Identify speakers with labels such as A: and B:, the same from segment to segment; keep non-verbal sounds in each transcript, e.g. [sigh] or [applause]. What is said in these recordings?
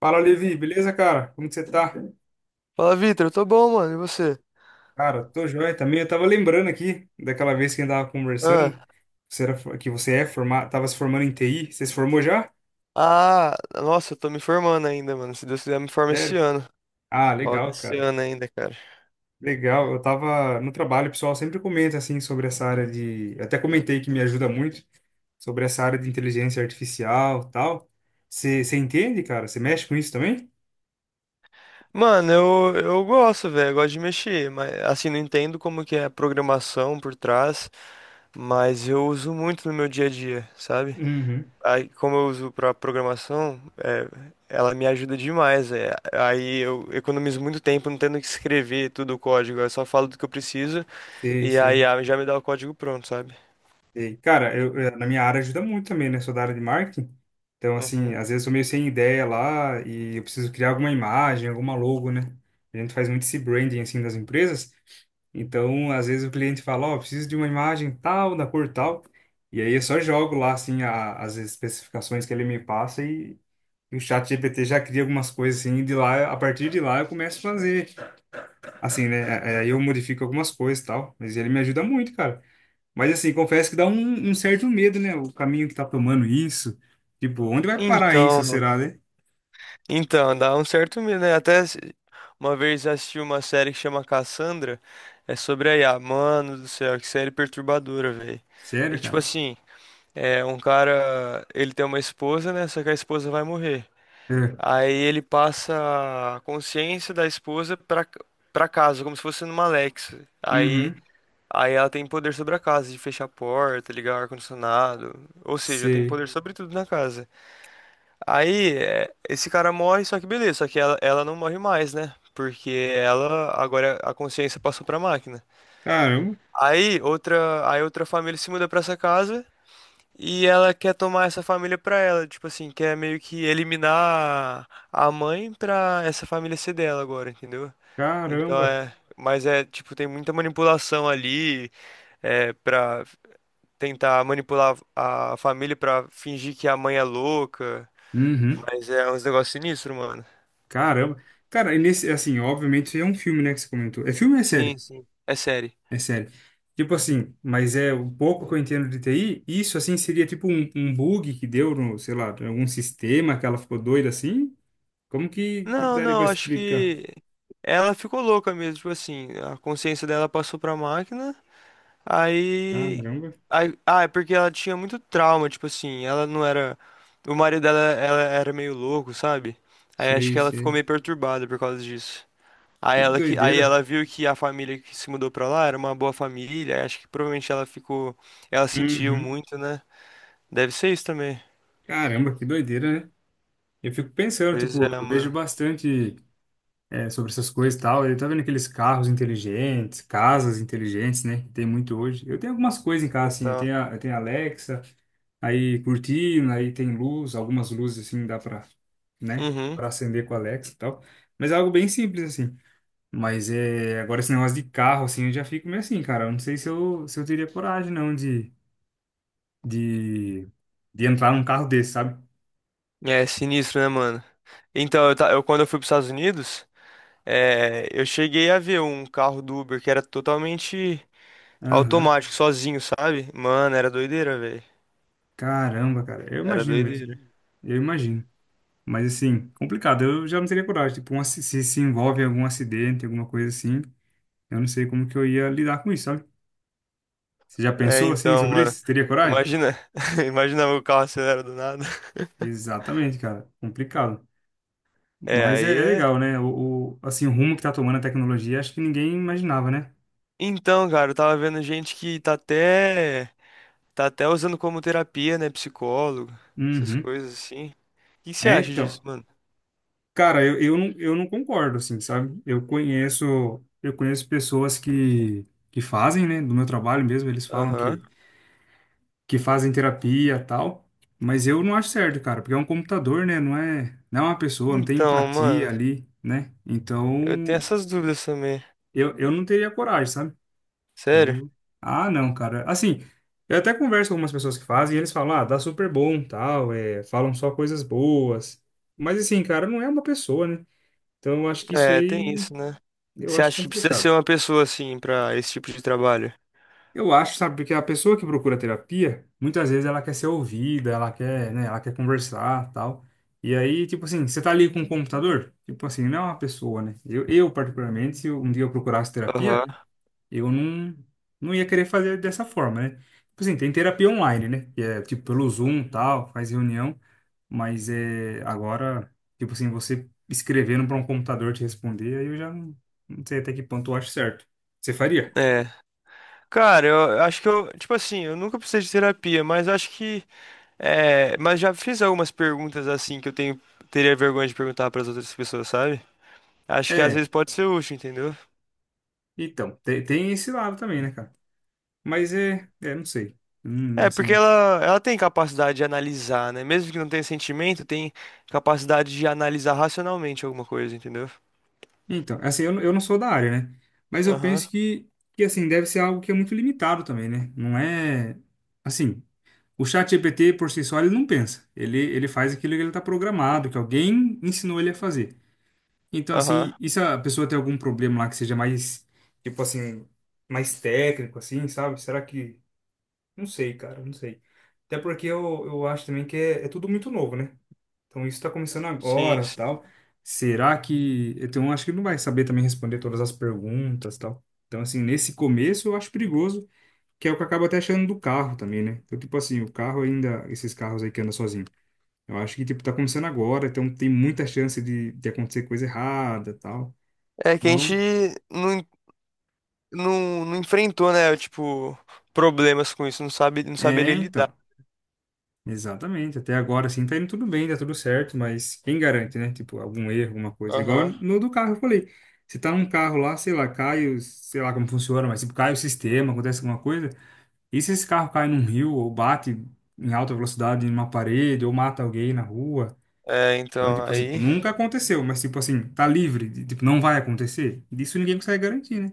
A: Fala, Levi, beleza, cara? Como que você tá?
B: Fala, Vitor, eu tô bom, mano, e você?
A: Cara, tô joia também. Eu tava lembrando aqui daquela vez que a gente tava conversando,
B: Ah,
A: que você é formado, tava se formando em TI. Você se formou já?
B: nossa, eu tô me formando ainda, mano. Se Deus quiser, eu me formo esse
A: Sério?
B: ano.
A: Ah,
B: Falta
A: legal,
B: esse
A: cara.
B: ano ainda, cara.
A: Legal. Eu tava no trabalho, o pessoal sempre comenta assim sobre essa área de, eu até comentei que me ajuda muito sobre essa área de inteligência artificial, e tal. Você entende, cara? Você mexe com isso também?
B: Mano, eu gosto, velho, eu gosto de mexer, mas assim, não entendo como que é a programação por trás, mas eu uso muito no meu dia a dia, sabe?
A: Uhum.
B: Aí, como eu uso pra programação, ela me ajuda demais, é. Aí eu economizo muito tempo não tendo que escrever tudo o código, eu só falo do que eu preciso
A: Sei,
B: e
A: sei.
B: aí a IA já me dá o código pronto, sabe?
A: E, cara, eu, na minha área ajuda muito também, né? Sou da área de marketing. Então, assim,
B: Uhum.
A: às vezes eu tô meio sem ideia lá e eu preciso criar alguma imagem, alguma logo, né? A gente faz muito esse branding, assim, das empresas. Então, às vezes o cliente fala, ó, preciso de uma imagem tal, da cor tal. E aí eu só jogo lá, assim, as especificações que ele me passa e o chat GPT já cria algumas coisas, assim, e de lá, a partir de lá eu começo a fazer, assim, né? É, é, aí eu modifico algumas coisas e tal. Mas ele me ajuda muito, cara. Mas assim, confesso que dá um certo medo, né? O caminho que tá tomando isso. Tipo, onde vai parar
B: Então,
A: isso, será, né?
B: então, dá um certo medo, né? Até se- Uma vez eu assisti uma série que chama Cassandra, é sobre a IA. Mano do céu, que série perturbadora, velho. E
A: Sério,
B: tipo
A: cara?
B: assim, é um cara, ele tem uma esposa, né? Só que a esposa vai morrer.
A: É.
B: Aí ele passa a consciência da esposa pra, pra casa, como se fosse numa Alexa. Aí,
A: Uhum.
B: aí ela tem poder sobre a casa, de fechar a porta, ligar o ar-condicionado. Ou seja, tem
A: Sei.
B: poder sobre tudo na casa. Aí, é, esse cara morre, só que beleza, só que ela não morre mais, né? Porque ela, agora a consciência passou pra máquina.
A: Caramba,
B: Aí outra família se muda pra essa casa e ela quer tomar essa família pra ela, tipo assim, quer meio que eliminar a mãe pra essa família ser dela agora, entendeu? Então
A: caramba.
B: é, mas é, tipo, tem muita manipulação ali, é, para tentar manipular a família pra fingir que a mãe é louca,
A: Uhum.
B: mas é uns negócios sinistros, mano.
A: Caramba. Cara, e nesse, assim, obviamente isso aí é um filme, né, que você comentou. É filme ou é
B: Sim,
A: série?
B: sim. É série.
A: É série. Tipo assim, mas é o pouco que eu entendo de TI, isso assim seria tipo um bug que deu no, sei lá, em algum sistema que ela ficou doida assim? Como que
B: Não,
A: daria pra
B: não, acho
A: explicar?
B: que ela ficou louca mesmo, tipo assim, a consciência dela passou pra máquina, aí,
A: Caramba,
B: ah, é porque ela tinha muito trauma, tipo assim, ela não era, o marido dela, ela era meio louco, sabe? Aí acho
A: sei,
B: que ela ficou
A: sei.
B: meio perturbada por causa disso.
A: Que
B: Aí
A: doideira.
B: ela viu que a família que se mudou pra lá era uma boa família, aí acho que provavelmente ela ficou, ela sentiu
A: Uhum.
B: muito, né? Deve ser isso também.
A: Caramba, que doideira, né? Eu fico pensando,
B: Pois
A: tipo,
B: é,
A: eu vejo
B: mano.
A: bastante sobre essas coisas e tal. Eu tava vendo aqueles carros inteligentes, casas inteligentes, né? Que tem muito hoje. Eu tenho algumas coisas em casa, assim. Eu
B: Então,
A: tenho a, eu tenho a Alexa, aí cortina, aí tem luz, algumas luzes, assim, dá pra, né?
B: uhum.
A: Pra acender com a Alexa e tal. Mas é algo bem simples, assim. Mas é, agora esse negócio de carro, assim, eu já fico meio assim, cara. Eu não sei se eu teria coragem, não, de, de entrar num carro desse, sabe?
B: É sinistro, né, mano? Então, quando eu fui para os Estados Unidos, é, eu cheguei a ver um carro do Uber que era totalmente
A: Aham.
B: automático, sozinho, sabe? Mano, era doideira, velho.
A: Caramba, cara, eu
B: Era
A: imagino mesmo.
B: doideira.
A: Eu imagino. Mas assim, complicado. Eu já não teria coragem. Tipo, se envolve em algum acidente, alguma coisa assim, eu não sei como que eu ia lidar com isso, sabe? Você já
B: É,
A: pensou assim
B: então,
A: sobre
B: mano.
A: isso? Você teria coragem?
B: Imagina, [laughs] imagina o carro acelera do nada.
A: Exatamente, cara. Complicado.
B: É,
A: Mas é,
B: aí
A: é
B: é.
A: legal, né? Assim, o rumo que tá tomando a tecnologia, acho que ninguém imaginava, né?
B: Então, cara, eu tava vendo gente que tá até usando como terapia, né? Psicólogo, essas
A: Uhum.
B: coisas assim. O que que você
A: É,
B: acha disso,
A: então.
B: mano?
A: Cara, não, eu não concordo, assim, sabe? Eu conheço pessoas que fazem, né? Do meu trabalho mesmo, eles falam
B: Aham.
A: que fazem terapia e tal, mas eu não acho certo, cara, porque é um computador, né? Não é uma pessoa, não tem
B: Então, mano,
A: empatia ali, né?
B: eu tenho
A: Então,
B: essas dúvidas também.
A: eu não teria coragem, sabe?
B: Sério?
A: Eu, não, cara. Assim, eu até converso com algumas pessoas que fazem e eles falam, ah, dá super bom, tal, falam só coisas boas. Mas assim, cara, não é uma pessoa, né? Então, eu acho que isso
B: É, tem
A: aí,
B: isso, né?
A: eu
B: Você
A: acho
B: acha que precisa ser
A: complicado.
B: uma pessoa assim pra esse tipo de trabalho?
A: Eu acho, sabe, porque a pessoa que procura terapia, muitas vezes ela quer ser ouvida, ela quer, né, ela quer conversar, tal. E aí, tipo assim, você tá ali com o computador, tipo assim, não é uma pessoa, né? Eu particularmente, se um dia eu procurasse terapia,
B: Aham.
A: eu não ia querer fazer dessa forma, né? Tipo assim, tem terapia online, né? Que é tipo pelo Zoom, tal, faz reunião, mas é agora, tipo assim, você escrevendo para um computador te responder, aí eu já não sei até que ponto eu acho certo. Você faria?
B: É. Cara, eu acho que eu, tipo assim, eu nunca precisei de terapia, mas acho que é, mas já fiz algumas perguntas assim que eu tenho teria vergonha de perguntar pras outras pessoas, sabe? Acho que às
A: É,
B: vezes pode ser útil, entendeu?
A: então, tem, esse lado também, né, cara? Mas é, é, não sei.
B: É, porque
A: Assim,
B: ela tem capacidade de analisar, né? Mesmo que não tenha sentimento, tem capacidade de analisar racionalmente alguma coisa, entendeu?
A: então, assim, eu não sou da área, né? Mas eu
B: Aham,
A: penso que, assim, deve ser algo que é muito limitado também, né? Não é, assim, o chat GPT por si só, ele não pensa. Ele faz aquilo que ele tá programado, que alguém ensinou ele a fazer. Então,
B: aham.
A: assim, e se a pessoa tem algum problema lá que seja mais, tipo assim, mais técnico, assim, sabe? Será que... Não sei, cara, não sei. Até porque eu acho também que é tudo muito novo, né? Então isso está começando
B: Sim,
A: agora,
B: sim.
A: tal. Será que eu tenho, acho que ele não vai saber também responder todas as perguntas, tal. Então assim, nesse começo eu acho perigoso, que é o que eu acabo até achando do carro também, né? Então tipo assim, o carro ainda, esses carros aí que andam sozinho. Eu acho que tipo tá começando agora, então tem muita chance de acontecer coisa errada, tal.
B: É que a
A: Então,
B: gente não, en- não, não enfrentou, né? Tipo, problemas com isso, não sabe, não
A: é,
B: saberia lidar.
A: então. Exatamente. Até agora, assim, tá indo tudo bem, tá tudo certo, mas quem garante, né? Tipo, algum erro, alguma coisa. Igual
B: Aham.
A: no do carro, eu falei. Se tá num carro lá, sei lá, cai, sei lá como funciona, mas tipo, cai o sistema, acontece alguma coisa. E se esse carro cai num rio ou bate em alta velocidade em uma parede ou mata alguém na rua?
B: É,
A: Então,
B: então,
A: tipo assim,
B: aí.
A: nunca aconteceu, mas tipo assim, tá livre, tipo, não vai acontecer. Disso ninguém consegue garantir, né?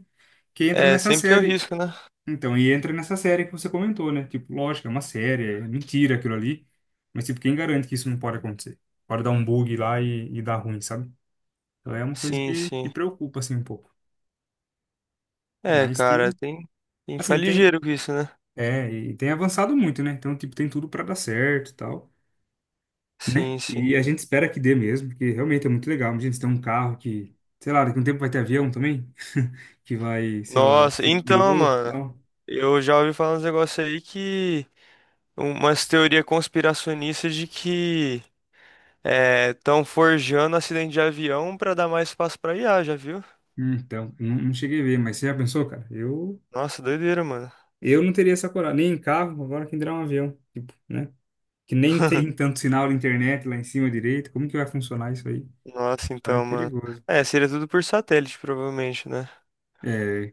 A: Que entra
B: É,
A: nessa
B: sempre tem o
A: série
B: risco, né?
A: então, e entra nessa série que você comentou, né? Tipo, lógico, é uma série, é mentira aquilo ali. Mas, tipo, quem garante que isso não pode acontecer? Pode dar um bug lá e dar ruim, sabe? Então é uma coisa
B: Sim,
A: que
B: sim.
A: preocupa, assim, um pouco.
B: É,
A: Mas
B: cara,
A: tem,
B: tem, tem que ficar
A: assim, tem,
B: ligeiro com isso, né?
A: e tem avançado muito, né? Então, tipo, tem tudo pra dar certo e tal,
B: Sim,
A: né?
B: sim.
A: E a gente espera que dê mesmo, porque realmente é muito legal. Imagina, você tem um carro que, sei lá, daqui a um tempo vai ter avião também, que vai, sei lá,
B: Nossa,
A: sem
B: então,
A: piloto e
B: mano.
A: tal.
B: Eu já ouvi falar uns negócios aí que. Umas teorias conspiracionistas de que estão forjando acidente de avião pra dar mais espaço pra IA, já viu?
A: Então, não, não cheguei a ver, mas você já pensou, cara? Eu.
B: Nossa, doideira, mano.
A: Eu não teria essa coragem, nem em carro, agora quem dirá um avião, tipo, né? Que nem tem
B: [laughs]
A: tanto sinal de internet lá em cima direito, como que vai funcionar isso aí?
B: Nossa,
A: Então é
B: então, mano.
A: perigoso.
B: É, seria tudo por satélite, provavelmente, né?
A: É,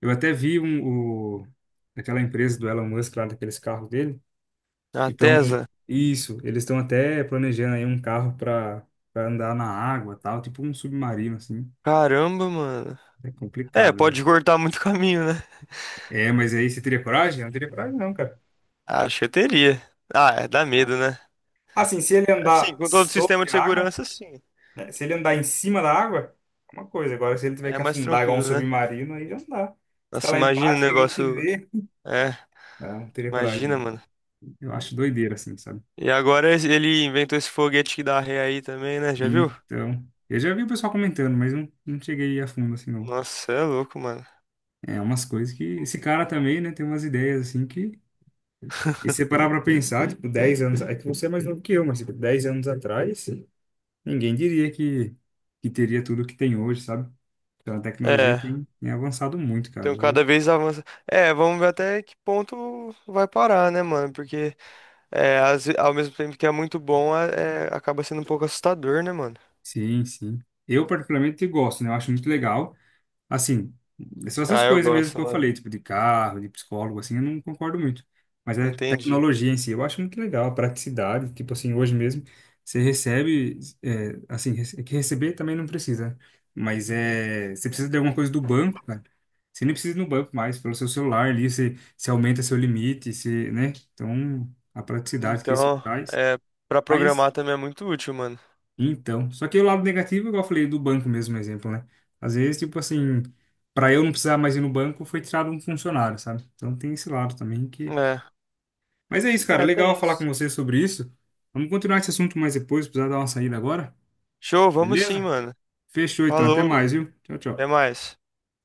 A: eu até vi aquela empresa do Elon Musk lá, daqueles carros dele, que
B: A
A: estão,
B: Tesla.
A: isso, eles estão até planejando aí um carro para andar na água tal, tipo um submarino, assim.
B: Caramba, mano.
A: É
B: É,
A: complicado, né?
B: pode cortar muito [laughs] caminho, né?
A: É, mas aí você teria coragem? Eu não teria coragem, não, cara.
B: Acho que eu teria. Ah, é, dá
A: Ah,
B: medo, né?
A: assim, se ele
B: Assim,
A: andar
B: com todo o sistema
A: sobre
B: de
A: a água,
B: segurança, sim.
A: né? Se ele andar em cima da água, é uma coisa. Agora, se ele tiver
B: É
A: que
B: mais
A: afundar igual um
B: tranquilo, né?
A: submarino, aí já não dá. Se tá
B: Nossa,
A: lá
B: imagina o
A: embaixo, ninguém te
B: negócio.
A: vê.
B: É,
A: Não, não teria coragem,
B: imagina,
A: não.
B: mano.
A: Eu acho doideira, assim, sabe?
B: E agora ele inventou esse foguete que dá ré aí também, né? Já viu?
A: Então, eu já vi o pessoal comentando, mas não, não cheguei a fundo, assim, não.
B: Nossa, cê é louco, mano.
A: É umas coisas que... Esse cara também, né, tem umas ideias, assim, que... E se
B: [laughs]
A: você parar pra pensar, tipo, 10 anos... É que você é mais novo que eu, mas, tipo, 10 anos atrás, ninguém diria que teria tudo que tem hoje, sabe? Então, a tecnologia
B: É,
A: tem avançado muito,
B: então
A: cara. Eu
B: cada vez avança. É, vamos ver até que ponto vai parar, né, mano? Porque é, ao mesmo tempo que é muito bom, acaba sendo um pouco assustador, né, mano?
A: Sim, sim. Eu particularmente gosto, né? Eu acho muito legal. Assim, são essas
B: Ah, eu
A: coisas mesmo
B: gosto,
A: que eu
B: mano.
A: falei, tipo de carro, de psicólogo, assim, eu não concordo muito. Mas é
B: Entendi.
A: tecnologia em si, eu acho muito legal, a praticidade, tipo assim, hoje mesmo você recebe, é, assim, é que receber também não precisa, né? Mas é, você precisa de alguma coisa do banco, cara. Você nem precisa ir no banco mais, pelo seu celular ali, você aumenta seu limite, você, né? Então, a praticidade que isso
B: Então,
A: traz.
B: é, pra
A: Mas
B: programar também é muito útil, mano.
A: então, só que o lado negativo, igual eu falei do banco mesmo, um exemplo, né? Às vezes, tipo assim, para eu não precisar mais ir no banco, foi tirado um funcionário, sabe? Então tem esse lado também que.
B: É,
A: Mas é isso, cara. Legal
B: tem
A: falar com
B: isso.
A: você sobre isso. Vamos continuar esse assunto mais depois, precisar dar uma saída agora,
B: Show, vamos sim,
A: beleza?
B: mano.
A: Fechou, então. Até
B: Falou,
A: mais, viu? Tchau,
B: até
A: tchau.
B: mais.